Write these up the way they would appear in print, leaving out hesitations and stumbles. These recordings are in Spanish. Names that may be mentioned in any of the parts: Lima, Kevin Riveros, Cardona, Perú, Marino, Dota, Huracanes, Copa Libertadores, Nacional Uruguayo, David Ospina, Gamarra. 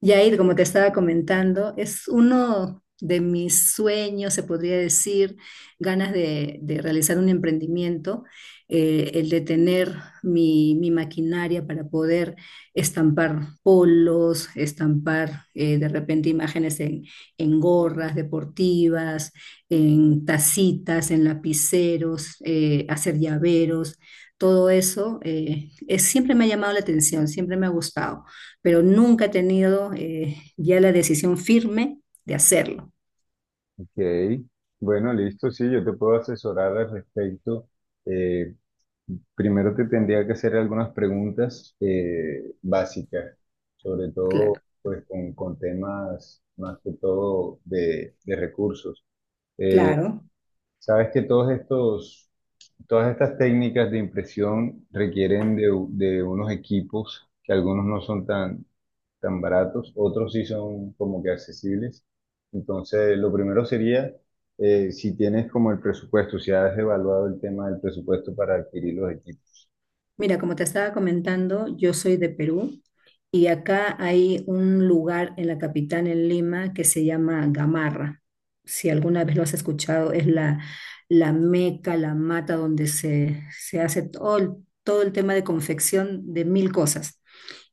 Yair, como te estaba comentando, es uno de mis sueños, se podría decir, ganas de realizar un emprendimiento, el de tener mi maquinaria para poder estampar polos, estampar de repente imágenes en gorras deportivas, en tacitas, en lapiceros, hacer llaveros. Todo eso siempre me ha llamado la atención, siempre me ha gustado, pero nunca he tenido ya la decisión firme de hacerlo. Ok, bueno, listo, sí, yo te puedo asesorar al respecto. Eh, Primero te tendría que hacer algunas preguntas básicas, sobre todo Claro, pues con temas más que todo de recursos. Eh, claro. sabes que todos estos Todas estas técnicas de impresión requieren de, de unos equipos que algunos no son tan, tan baratos, otros sí son como que accesibles. Entonces, lo primero sería, si tienes como el presupuesto, si has evaluado el tema del presupuesto para adquirir los equipos. Mira, como te estaba comentando, yo soy de Perú y acá hay un lugar en la capital, en Lima, que se llama Gamarra. Si alguna vez lo has escuchado, es la meca, la mata donde se hace todo el tema de confección de mil cosas.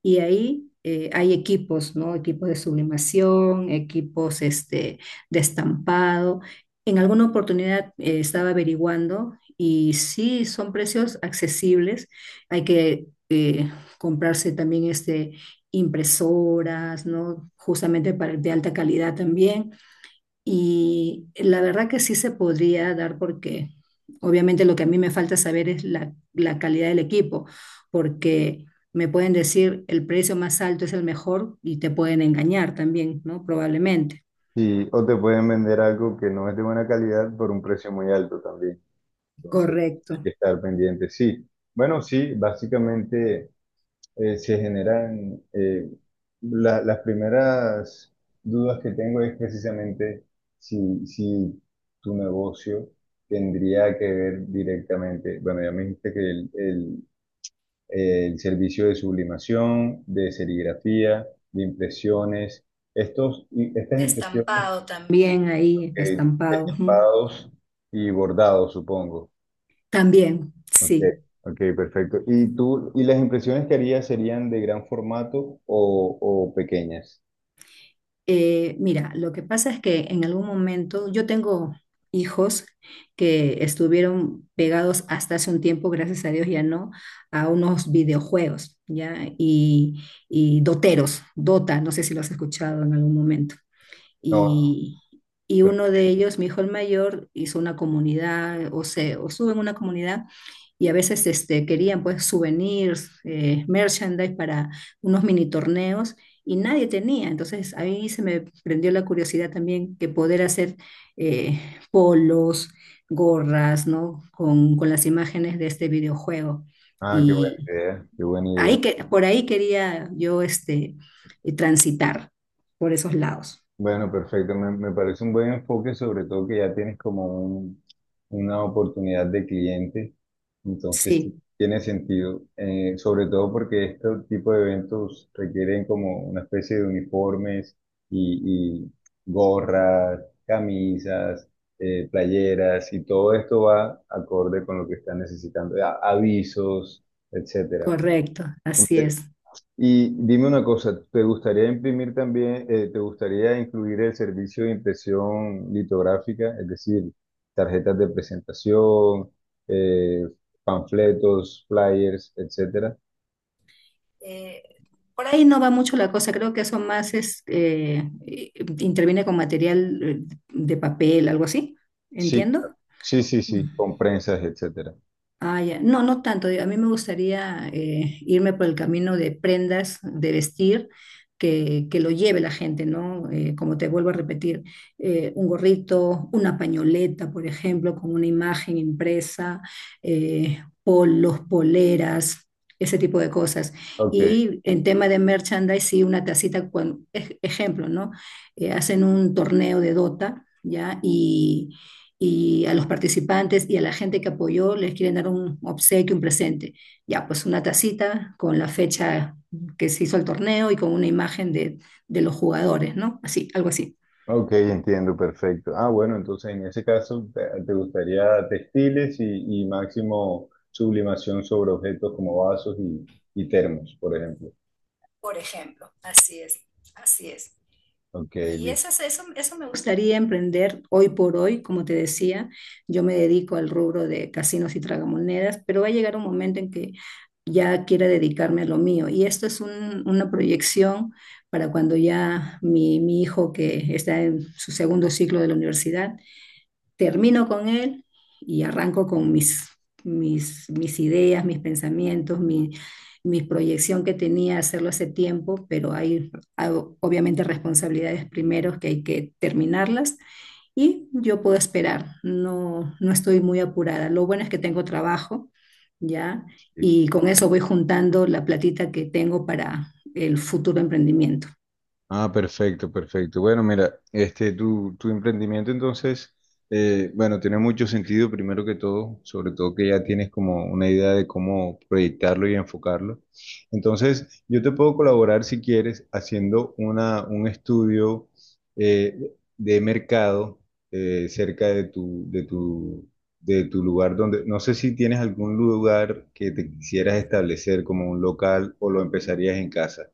Y ahí hay equipos, ¿no? Equipos de sublimación, equipos este, de estampado. En alguna oportunidad estaba averiguando y sí, son precios accesibles. Hay que comprarse también este, impresoras, ¿no? Justamente para, de alta calidad también. Y la verdad que sí se podría dar, porque obviamente lo que a mí me falta saber es la calidad del equipo, porque me pueden decir el precio más alto es el mejor y te pueden engañar también, ¿no? Probablemente. Sí, o te pueden vender algo que no es de buena calidad por un precio muy alto también. Entonces, hay Correcto. que estar pendiente. Sí, bueno, sí, básicamente se generan, las primeras dudas que tengo es precisamente si tu negocio tendría que ver directamente, bueno, ya me dijiste que el servicio de sublimación, de serigrafía, de impresiones, estos, y estas De impresiones, estampado también. Bien ahí, eh, estampado. Ujú. estampados y bordados, supongo. También, Ok, sí. ok, perfecto. ¿Y tú, y las impresiones que harías serían de gran formato o pequeñas? Mira, lo que pasa es que en algún momento yo tengo hijos que estuvieron pegados hasta hace un tiempo, gracias a Dios ya no, a unos videojuegos, ¿ya? Y doteros, Dota, no sé si lo has escuchado en algún momento No. y, y pero- uno de ellos, mi hijo el mayor, hizo una comunidad o se o sube en una comunidad, y a veces este, querían pues souvenirs, merchandise para unos mini torneos y nadie tenía. Entonces ahí se me prendió la curiosidad también, que poder hacer eh, polos, gorras, ¿no? Con las imágenes de este videojuego. ah, qué buena Y idea, qué buena idea. ahí que, por ahí quería yo este, transitar, por esos lados. Bueno, perfecto. Me parece un buen enfoque, sobre todo que ya tienes como una oportunidad de cliente. Entonces, sí, Sí. tiene sentido. Sobre todo porque este tipo de eventos requieren como una especie de uniformes y gorras, camisas, playeras y todo esto va acorde con lo que están necesitando, avisos, etcétera. Correcto, así es. Y dime una cosa, ¿te gustaría imprimir también, te gustaría incluir el servicio de impresión litográfica, es decir, tarjetas de presentación, eh, panfletos, flyers, etcétera? Eh, Por ahí no va mucho la cosa, creo que eso más es, interviene con material de papel, algo así, Sí, claro. ¿entiendo? Sí, sí, sí, con prensas, etcétera. Ah, ya. No, no tanto. Digo, a mí me gustaría irme por el camino de prendas, de vestir, que lo lleve la gente, ¿no? Como te vuelvo a repetir, un gorrito, una pañoleta, por ejemplo, con una imagen impresa, polos, poleras. Ese tipo de cosas. Ok, Y en tema de merchandise, sí, una tacita, cuando, ejemplo, ¿no? Hacen un torneo de Dota, ¿ya? Y a los participantes y a la gente que apoyó les quieren dar un obsequio, un presente. Ya, pues una tacita con la fecha que se hizo el torneo y con una imagen de los jugadores, ¿no? Así, algo así. ok, entiendo, perfecto. Ah, bueno, entonces en ese caso te gustaría textiles y máximo sublimación sobre objetos como vasos y termos, por ejemplo. Por ejemplo, así es, así es. Ok, Y eso, listo. eso, eso me gustaría emprender hoy por hoy. Como te decía, yo me dedico al rubro de casinos y tragamonedas, pero va a llegar un momento en que ya quiera dedicarme a lo mío. Y esto es una proyección para cuando ya mi hijo, que está en su segundo ciclo de la universidad, termino con él y arranco con mis ideas, mis pensamientos, mi proyección, que tenía hacerlo hace tiempo, pero hay obviamente responsabilidades primero que hay que terminarlas, y yo puedo esperar. No, no estoy muy apurada. Lo bueno es que tengo trabajo, ¿ya? Y con eso voy juntando la platita que tengo para el futuro emprendimiento. Ah, perfecto, perfecto. Bueno, mira, este, tu emprendimiento entonces, bueno, tiene mucho sentido primero que todo, sobre todo que ya tienes como una idea de cómo proyectarlo y enfocarlo. Entonces, yo te puedo colaborar si quieres haciendo un estudio eh, de mercado cerca de tu lugar donde, no sé si tienes algún lugar que te quisieras establecer como un local o lo empezarías en casa.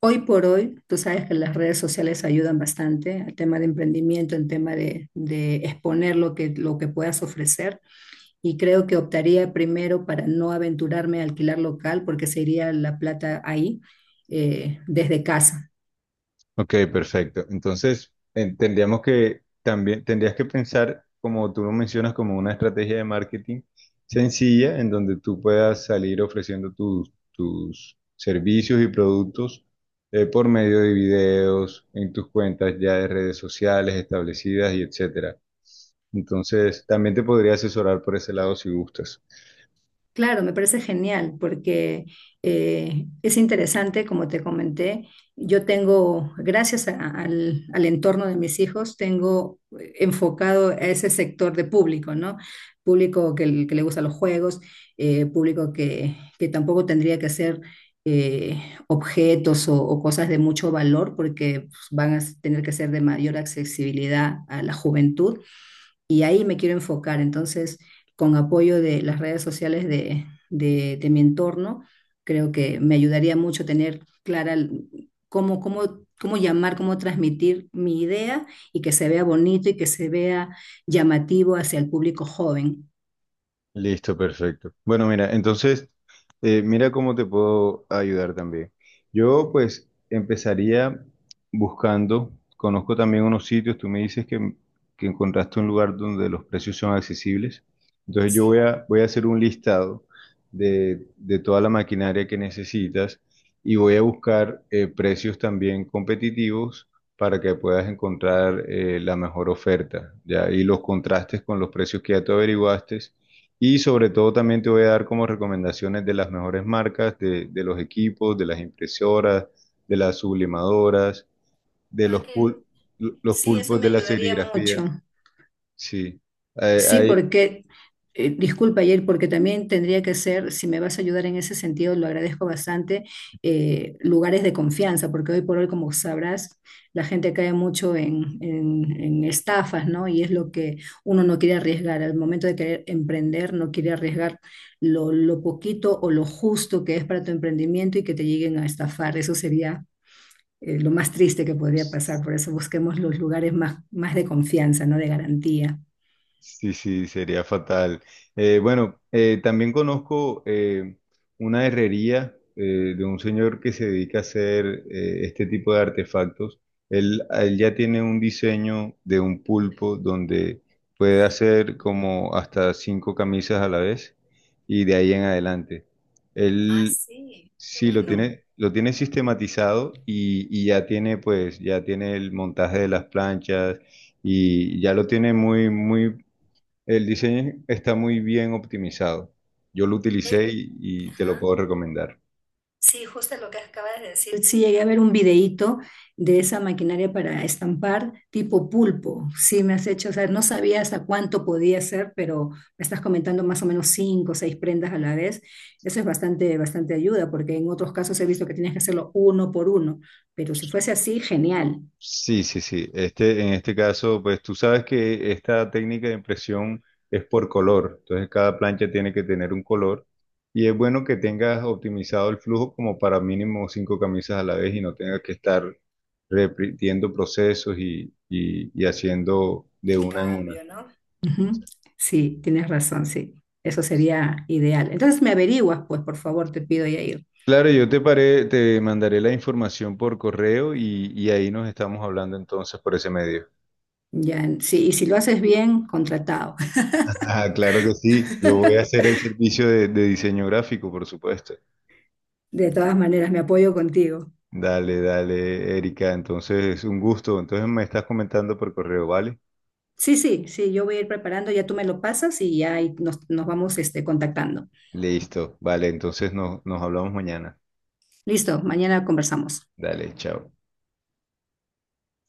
Hoy por hoy, tú sabes que las redes sociales ayudan bastante al tema de emprendimiento, en tema de exponer lo que puedas ofrecer. Y creo que optaría primero para no aventurarme a alquilar local, porque se iría la plata ahí, desde casa. Ok, perfecto. Entonces, tendríamos que también, tendrías que pensar, como tú lo mencionas, como una estrategia de marketing sencilla en donde tú puedas salir ofreciendo tus servicios y productos por medio de videos, en tus cuentas ya de redes sociales establecidas y etcétera. Entonces, también te podría asesorar por ese lado si gustas. Claro, me parece genial porque es interesante, como te comenté, yo tengo, gracias al entorno de mis hijos, tengo enfocado a ese sector de público, ¿no? Público que le gusta los juegos, público que tampoco tendría que ser eh, objetos o cosas de mucho valor, porque pues, van a tener que ser de mayor accesibilidad a la juventud y ahí me quiero enfocar. Entonces, con apoyo de las redes sociales de mi entorno, creo que me ayudaría mucho tener clara cómo, cómo llamar, cómo transmitir mi idea y que se vea bonito y que se vea llamativo hacia el público joven. Listo, perfecto. Bueno, mira, entonces, mira cómo te puedo ayudar también. Yo, pues, empezaría buscando, conozco también unos sitios, tú me dices que encontraste un lugar donde los precios son accesibles. Entonces, yo voy a, voy a hacer un listado de toda la maquinaria que necesitas y voy a buscar precios también competitivos para que puedas encontrar la mejor oferta, ¿ya? Y los contrastes con los precios que ya tú averiguaste y sobre todo también te voy a dar como recomendaciones de las mejores marcas, de los equipos, de las impresoras, de las sublimadoras, de los, los Sí, eso pulpos me de la ayudaría serigrafía. mucho. Sí, hay, Sí, hay- porque, disculpa, Yair, porque también tendría que ser, si me vas a ayudar en ese sentido, lo agradezco bastante, lugares de confianza, porque hoy por hoy, como sabrás, la gente cae mucho en estafas, ¿no? Y es lo que uno no quiere arriesgar. Al momento de querer emprender, no quiere arriesgar lo poquito o lo justo que es para tu emprendimiento, y que te lleguen a estafar. Eso sería, lo más triste que podría pasar. Por eso busquemos los lugares más de confianza, ¿no? De garantía. sí, sí, sería fatal. Bueno, también conozco una herrería de un señor que se dedica a hacer este tipo de artefactos. Él ya tiene un diseño de un pulpo donde puede hacer como hasta cinco camisas a la vez y de ahí en adelante. Él sí ¿No? Lo tiene sistematizado y ya tiene pues, ya tiene el montaje de las planchas y ya lo tiene muy, muy el diseño está muy bien optimizado. Yo lo utilicé y te lo puedo recomendar. Sí, justo lo que acabas de decir. Sí, llegué a ver un videíto de esa maquinaria para estampar tipo pulpo. Sí, me has hecho, o sea, no sabía hasta cuánto podía ser, pero me estás comentando más o menos cinco o seis prendas a la vez. Eso es bastante, bastante ayuda, porque en otros casos he visto que tienes que hacerlo uno por uno, pero si fuese así, genial. Sí, sí, sí. Este, en este caso, pues tú sabes que esta técnica de impresión es por color. Entonces cada plancha tiene que tener un color y es bueno que tengas optimizado el flujo como para mínimo cinco camisas a la vez y no tengas que estar repitiendo procesos y haciendo de una en una. Ujú. Sí, tienes razón, sí. Eso sería ideal. Entonces me averiguas, pues, por favor, te pido, Yair. Claro, yo te paré, te mandaré la información por correo y ahí nos estamos hablando entonces por ese medio. Ya, sí, y si lo haces bien, contratado. Ah, claro que sí. Yo voy a hacer el servicio de diseño gráfico, por supuesto. De todas maneras, me apoyo contigo. Dale, dale, Erika. Entonces, un gusto. Entonces me estás comentando por correo, ¿vale? Sí, sí, sí, yo voy a ir preparando, ya tú me lo pasas y ya ahí nos vamos este, contactando. Listo. Vale, entonces nos hablamos mañana. Listo, mañana conversamos. Dale, chao.